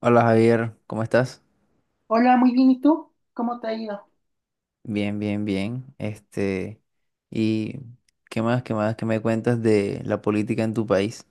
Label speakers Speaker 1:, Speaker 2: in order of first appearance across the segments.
Speaker 1: Hola Javier, ¿cómo estás?
Speaker 2: Hola, muy bien. ¿Y tú? ¿Cómo te ha ido?
Speaker 1: Bien, bien, bien. ¿Y qué más, qué me cuentas de la política en tu país?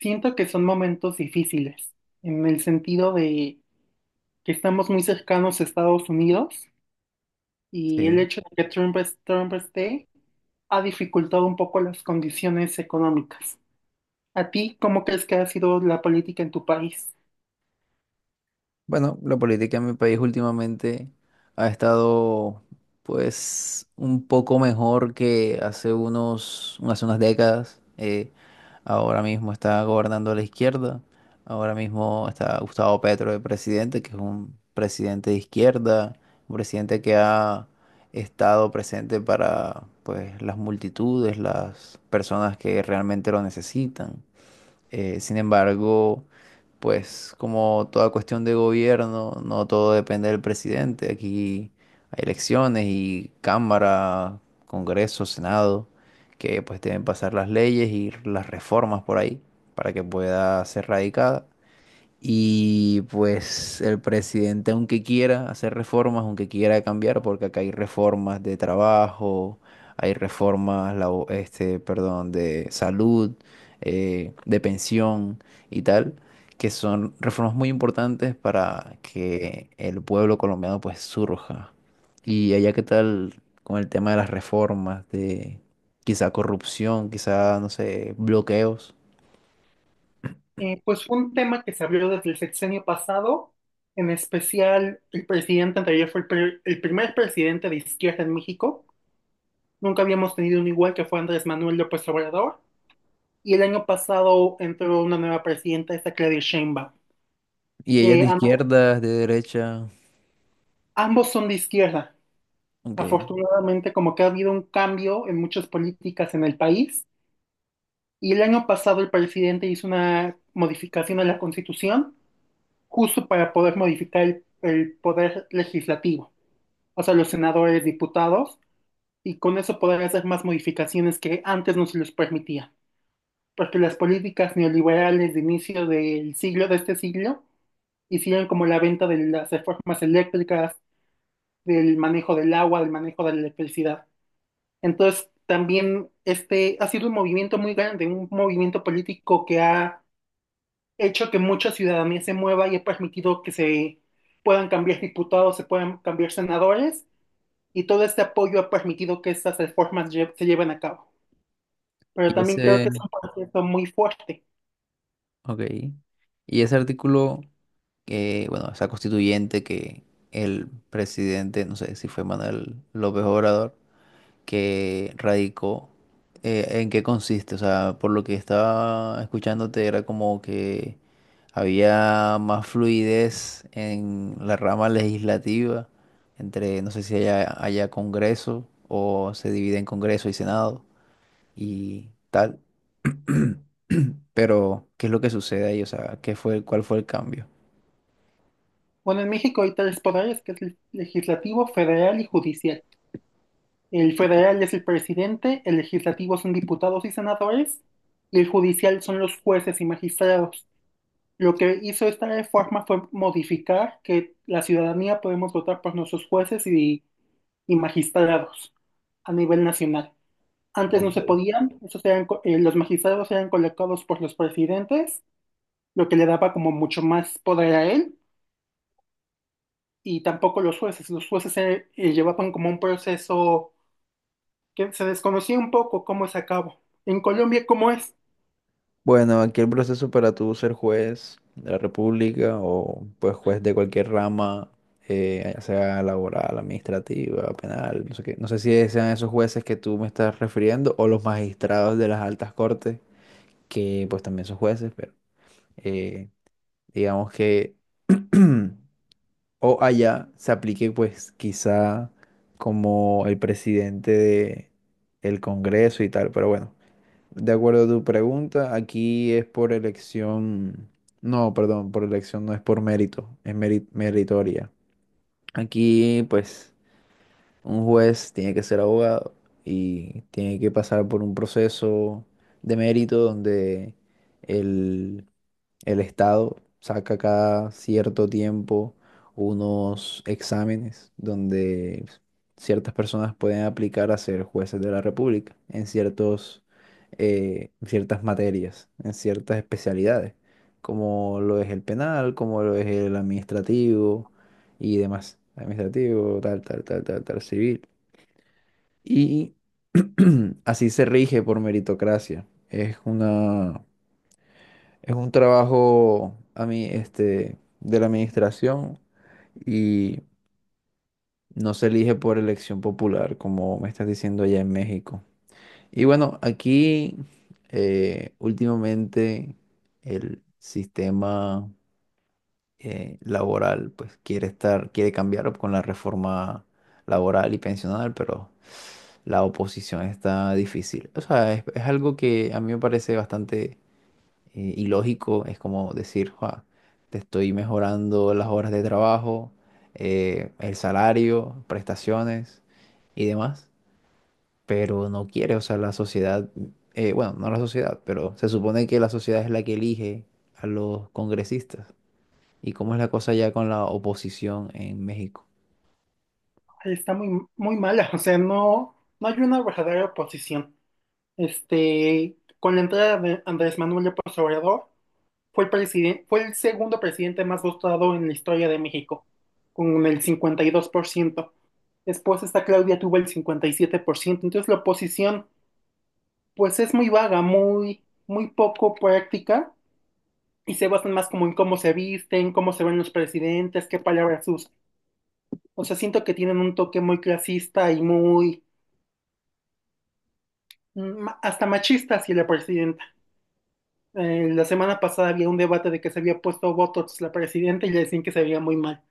Speaker 2: Siento que son momentos difíciles, en el sentido de que estamos muy cercanos a Estados Unidos y
Speaker 1: Sí.
Speaker 2: el hecho de que Trump esté ha dificultado un poco las condiciones económicas. ¿A ti cómo crees que ha sido la política en tu país?
Speaker 1: Bueno, la política en mi país últimamente ha estado pues un poco mejor que hace unas décadas. Ahora mismo está gobernando la izquierda. Ahora mismo está Gustavo Petro de presidente, que es un presidente de izquierda, un presidente que ha estado presente para pues las multitudes, las personas que realmente lo necesitan. Sin embargo, pues como toda cuestión de gobierno, no todo depende del presidente. Aquí hay elecciones y Cámara, Congreso, Senado, que pues deben pasar las leyes y las reformas por ahí para que pueda ser radicada. Y pues el presidente, aunque quiera hacer reformas, aunque quiera cambiar, porque acá hay reformas de trabajo, hay reformas, perdón, de salud, de pensión y tal, que son reformas muy importantes para que el pueblo colombiano pues surja. Y allá qué tal con el tema de las reformas, de quizá corrupción, quizá, no sé, bloqueos.
Speaker 2: Pues fue un tema que se abrió desde el sexenio pasado, en especial el presidente anterior fue el primer presidente de izquierda en México. Nunca habíamos tenido un igual que fue Andrés Manuel López Obrador. Y el año pasado entró una nueva presidenta, esa Claudia Sheinbaum.
Speaker 1: ¿Y ellas
Speaker 2: Eh,
Speaker 1: de
Speaker 2: am-
Speaker 1: izquierda, es de derecha?
Speaker 2: Ambos son de izquierda.
Speaker 1: Ok.
Speaker 2: Afortunadamente, como que ha habido un cambio en muchas políticas en el país. Y el año pasado el presidente hizo una modificación a la Constitución justo para poder modificar el poder legislativo, o sea, los senadores, diputados, y con eso poder hacer más modificaciones que antes no se les permitía, porque las políticas neoliberales de inicio de este siglo, hicieron como la venta de las reformas eléctricas, del manejo del agua, del manejo de la electricidad. Entonces, también este ha sido un movimiento muy grande, un movimiento político que ha hecho que mucha ciudadanía se mueva y ha permitido que se puedan cambiar diputados, se puedan cambiar senadores, y todo este apoyo ha permitido que estas se lleven a cabo. Pero
Speaker 1: Y
Speaker 2: también creo
Speaker 1: ese,
Speaker 2: que es un proceso muy fuerte.
Speaker 1: ok. Y bueno, esa constituyente que el presidente, no sé si fue Manuel López Obrador, que radicó, ¿en qué consiste? O sea, por lo que estaba escuchándote era como que había más fluidez en la rama legislativa, no sé si haya Congreso o se divide en Congreso y Senado y tal. Pero, ¿qué es lo que sucede ahí? O sea, cuál fue el cambio?
Speaker 2: Bueno, en México hay tres poderes, que es el legislativo, federal y judicial. El federal es el presidente, el legislativo son diputados y senadores, y el judicial son los jueces y magistrados. Lo que hizo esta reforma fue modificar que la ciudadanía podemos votar por nuestros y magistrados a nivel nacional. Antes no se
Speaker 1: Ok.
Speaker 2: podían, los magistrados eran colocados por los presidentes, lo que le daba como mucho más poder a él, y tampoco los jueces. Los jueces llevaban como un proceso que se desconocía un poco cómo se acabó. En Colombia, ¿cómo es?
Speaker 1: Bueno, aquí el proceso para tú ser juez de la República o pues juez de cualquier rama, ya sea laboral, administrativa, penal, no sé qué. No sé si sean esos jueces que tú me estás refiriendo o los magistrados de las altas cortes, que pues también son jueces, pero eh, digamos que. O allá se aplique, pues, quizá como el presidente de el Congreso y tal. Pero bueno, de acuerdo a tu pregunta, aquí es por elección. No, perdón, por elección no es por mérito, es meritoria. Aquí, pues. Un juez tiene que ser abogado y tiene que pasar por un proceso de mérito donde el, el Estado saca cada cierto tiempo unos exámenes donde ciertas personas pueden aplicar a ser jueces de la República en ciertas materias, en ciertas especialidades, como lo es el penal, como lo es el administrativo y demás. Administrativo, tal, tal, tal, tal, tal, civil. Y así se rige por meritocracia. Es un trabajo a mí, de la administración y no se elige por elección popular, como me estás diciendo allá en México. Y bueno, aquí últimamente el sistema laboral pues quiere cambiar con la reforma laboral y pensional, pero la oposición está difícil. O sea, es algo que a mí me parece bastante ilógico. Es como decir, "Jua, te estoy mejorando las horas de trabajo, el salario, prestaciones y demás, pero no quiere, o sea, la sociedad, bueno, no la sociedad, pero se supone que la sociedad es la que elige a los congresistas". ¿Y cómo es la cosa ya con la oposición en México?
Speaker 2: Está muy, muy mala, o sea, no, no hay una verdadera oposición. Este, con la entrada de Andrés Manuel López Obrador, fue el presidente, fue el segundo presidente más votado en la historia de México, con el 52%. Después esta Claudia tuvo el 57%. Entonces la oposición, pues es muy vaga, muy, muy poco práctica y se basan más como en cómo se visten, cómo se ven los presidentes, qué palabras usan. O sea, siento que tienen un toque muy clasista y muy, mm, hasta machista hacia la presidenta. La semana pasada había un debate de que se había puesto Botox la presidenta y le decían que se veía muy mal.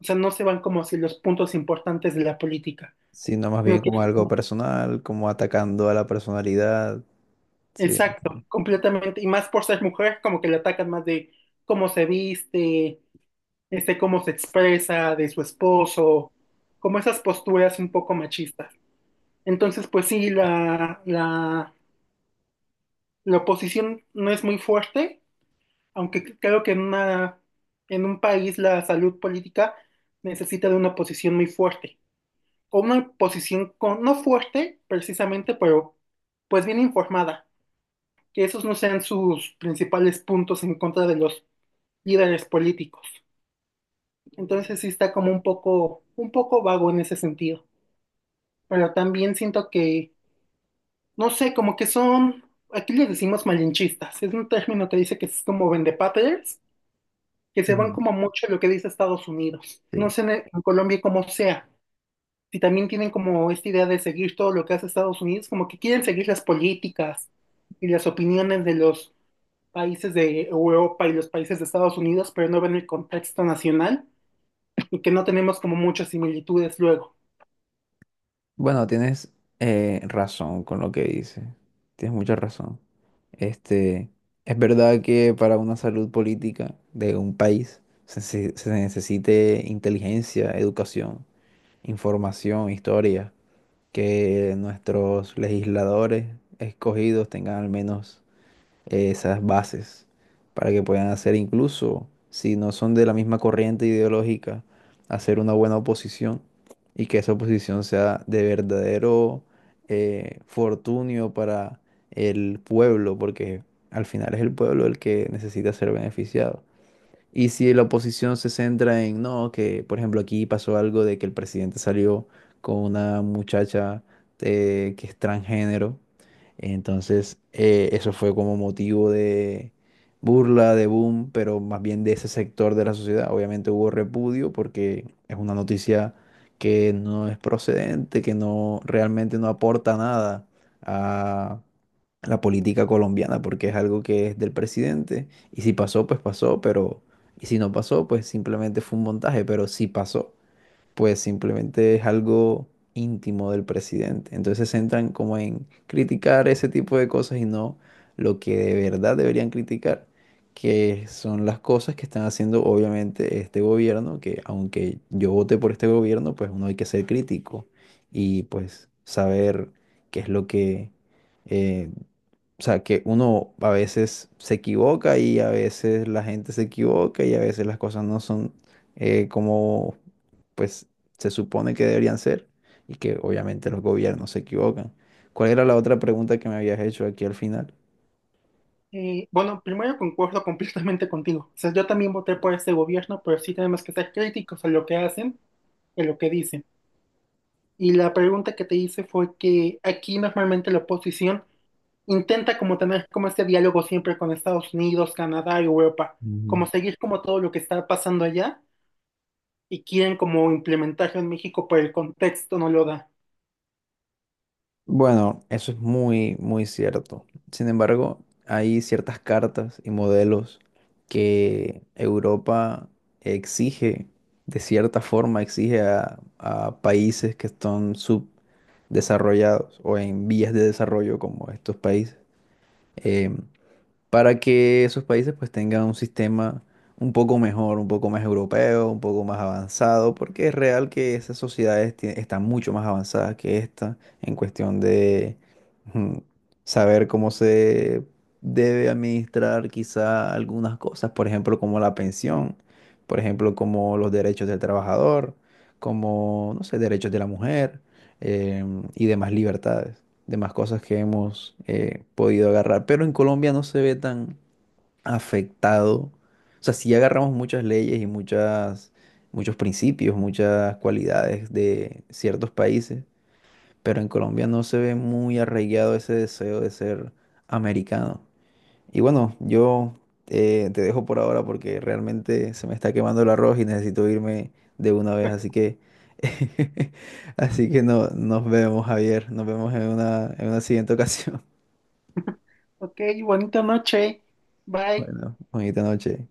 Speaker 2: O sea, no se van como hacia los puntos importantes de la política,
Speaker 1: Sino más
Speaker 2: sino
Speaker 1: bien como
Speaker 2: que,
Speaker 1: algo personal, como atacando a la personalidad. Sí.
Speaker 2: exacto, completamente. Y más por ser mujer, como que le atacan más de cómo se viste, este, cómo se expresa, de su esposo, como esas posturas un poco machistas. Entonces, pues sí, la oposición no es muy fuerte, aunque creo que en una, en un país la salud política necesita de una oposición muy fuerte. O una oposición con, no fuerte precisamente, pero pues bien informada. Que esos no sean sus principales puntos en contra de los líderes políticos. Entonces sí está como un poco vago en ese sentido. Pero también siento que, no sé, como que son, aquí les decimos malinchistas. Es un término que dice que es como vendepatrias que se van
Speaker 1: Ujú.
Speaker 2: como mucho en lo que dice Estados Unidos. No
Speaker 1: Sí.
Speaker 2: sé en Colombia cómo sea. Si también tienen como esta idea de seguir todo lo que hace Estados Unidos, como que quieren seguir las políticas y las opiniones de los países de Europa y los países de Estados Unidos, pero no ven el contexto nacional y que no tenemos como muchas similitudes luego.
Speaker 1: Bueno, tienes razón con lo que dices. Tienes mucha razón. Este, es verdad que para una salud política de un país se necesite inteligencia, educación, información, historia, que nuestros legisladores escogidos tengan al menos esas bases para que puedan hacer incluso, si no son de la misma corriente ideológica, hacer una buena oposición y que esa oposición sea de verdadero fortunio para el pueblo, porque al final es el pueblo el que necesita ser beneficiado. Y si la oposición se centra en, no, que por ejemplo aquí pasó algo de que el presidente salió con una muchacha que es transgénero, entonces eso fue como motivo de burla, de boom, pero más bien de ese sector de la sociedad. Obviamente hubo repudio porque es una noticia que no es procedente, que no realmente no aporta nada a la política colombiana, porque es algo que es del presidente, y si pasó, pues pasó, pero, y si no pasó, pues simplemente fue un montaje, pero si pasó, pues simplemente es algo íntimo del presidente. Entonces se centran como en criticar ese tipo de cosas y no lo que de verdad deberían criticar, que son las cosas que están haciendo obviamente este gobierno, que aunque yo voté por este gobierno, pues uno hay que ser crítico y pues saber qué es lo que. eh, o sea, que uno a veces se equivoca y a veces la gente se equivoca y a veces las cosas no son como pues se supone que deberían ser y que obviamente los gobiernos se equivocan. ¿Cuál era la otra pregunta que me habías hecho aquí al final?
Speaker 2: Bueno, primero concuerdo completamente contigo. O sea, yo también voté por este gobierno, pero sí tenemos que ser críticos a lo que hacen, a lo que dicen. Y la pregunta que te hice fue que aquí normalmente la oposición intenta como tener como este diálogo siempre con Estados Unidos, Canadá, Europa, como seguir como todo lo que está pasando allá y quieren como implementarlo en México, pero el contexto no lo da.
Speaker 1: Bueno, eso es muy, muy cierto. Sin embargo, hay ciertas cartas y modelos que Europa exige, de cierta forma, exige a países que están subdesarrollados o en vías de desarrollo como estos países. Em, para que esos países pues tengan un sistema un poco mejor, un poco más europeo, un poco más avanzado, porque es real que esas sociedades están mucho más avanzadas que esta en cuestión de mm, saber cómo se debe administrar quizá algunas cosas, por ejemplo, como la pensión, por ejemplo, como los derechos del trabajador, como, no sé, derechos de la mujer, y demás libertades demás cosas que hemos podido agarrar. Pero en Colombia no se ve tan afectado. O sea, sí agarramos muchas leyes y muchos principios, muchas cualidades de ciertos países, pero en Colombia no se ve muy arraigado ese deseo de ser americano. Y bueno, yo te dejo por ahora porque realmente se me está quemando el arroz y necesito irme de una vez, así que así que no, nos vemos, Javier, nos vemos en una siguiente ocasión.
Speaker 2: Ok, bonita noche. Bye.
Speaker 1: Bueno, bonita noche.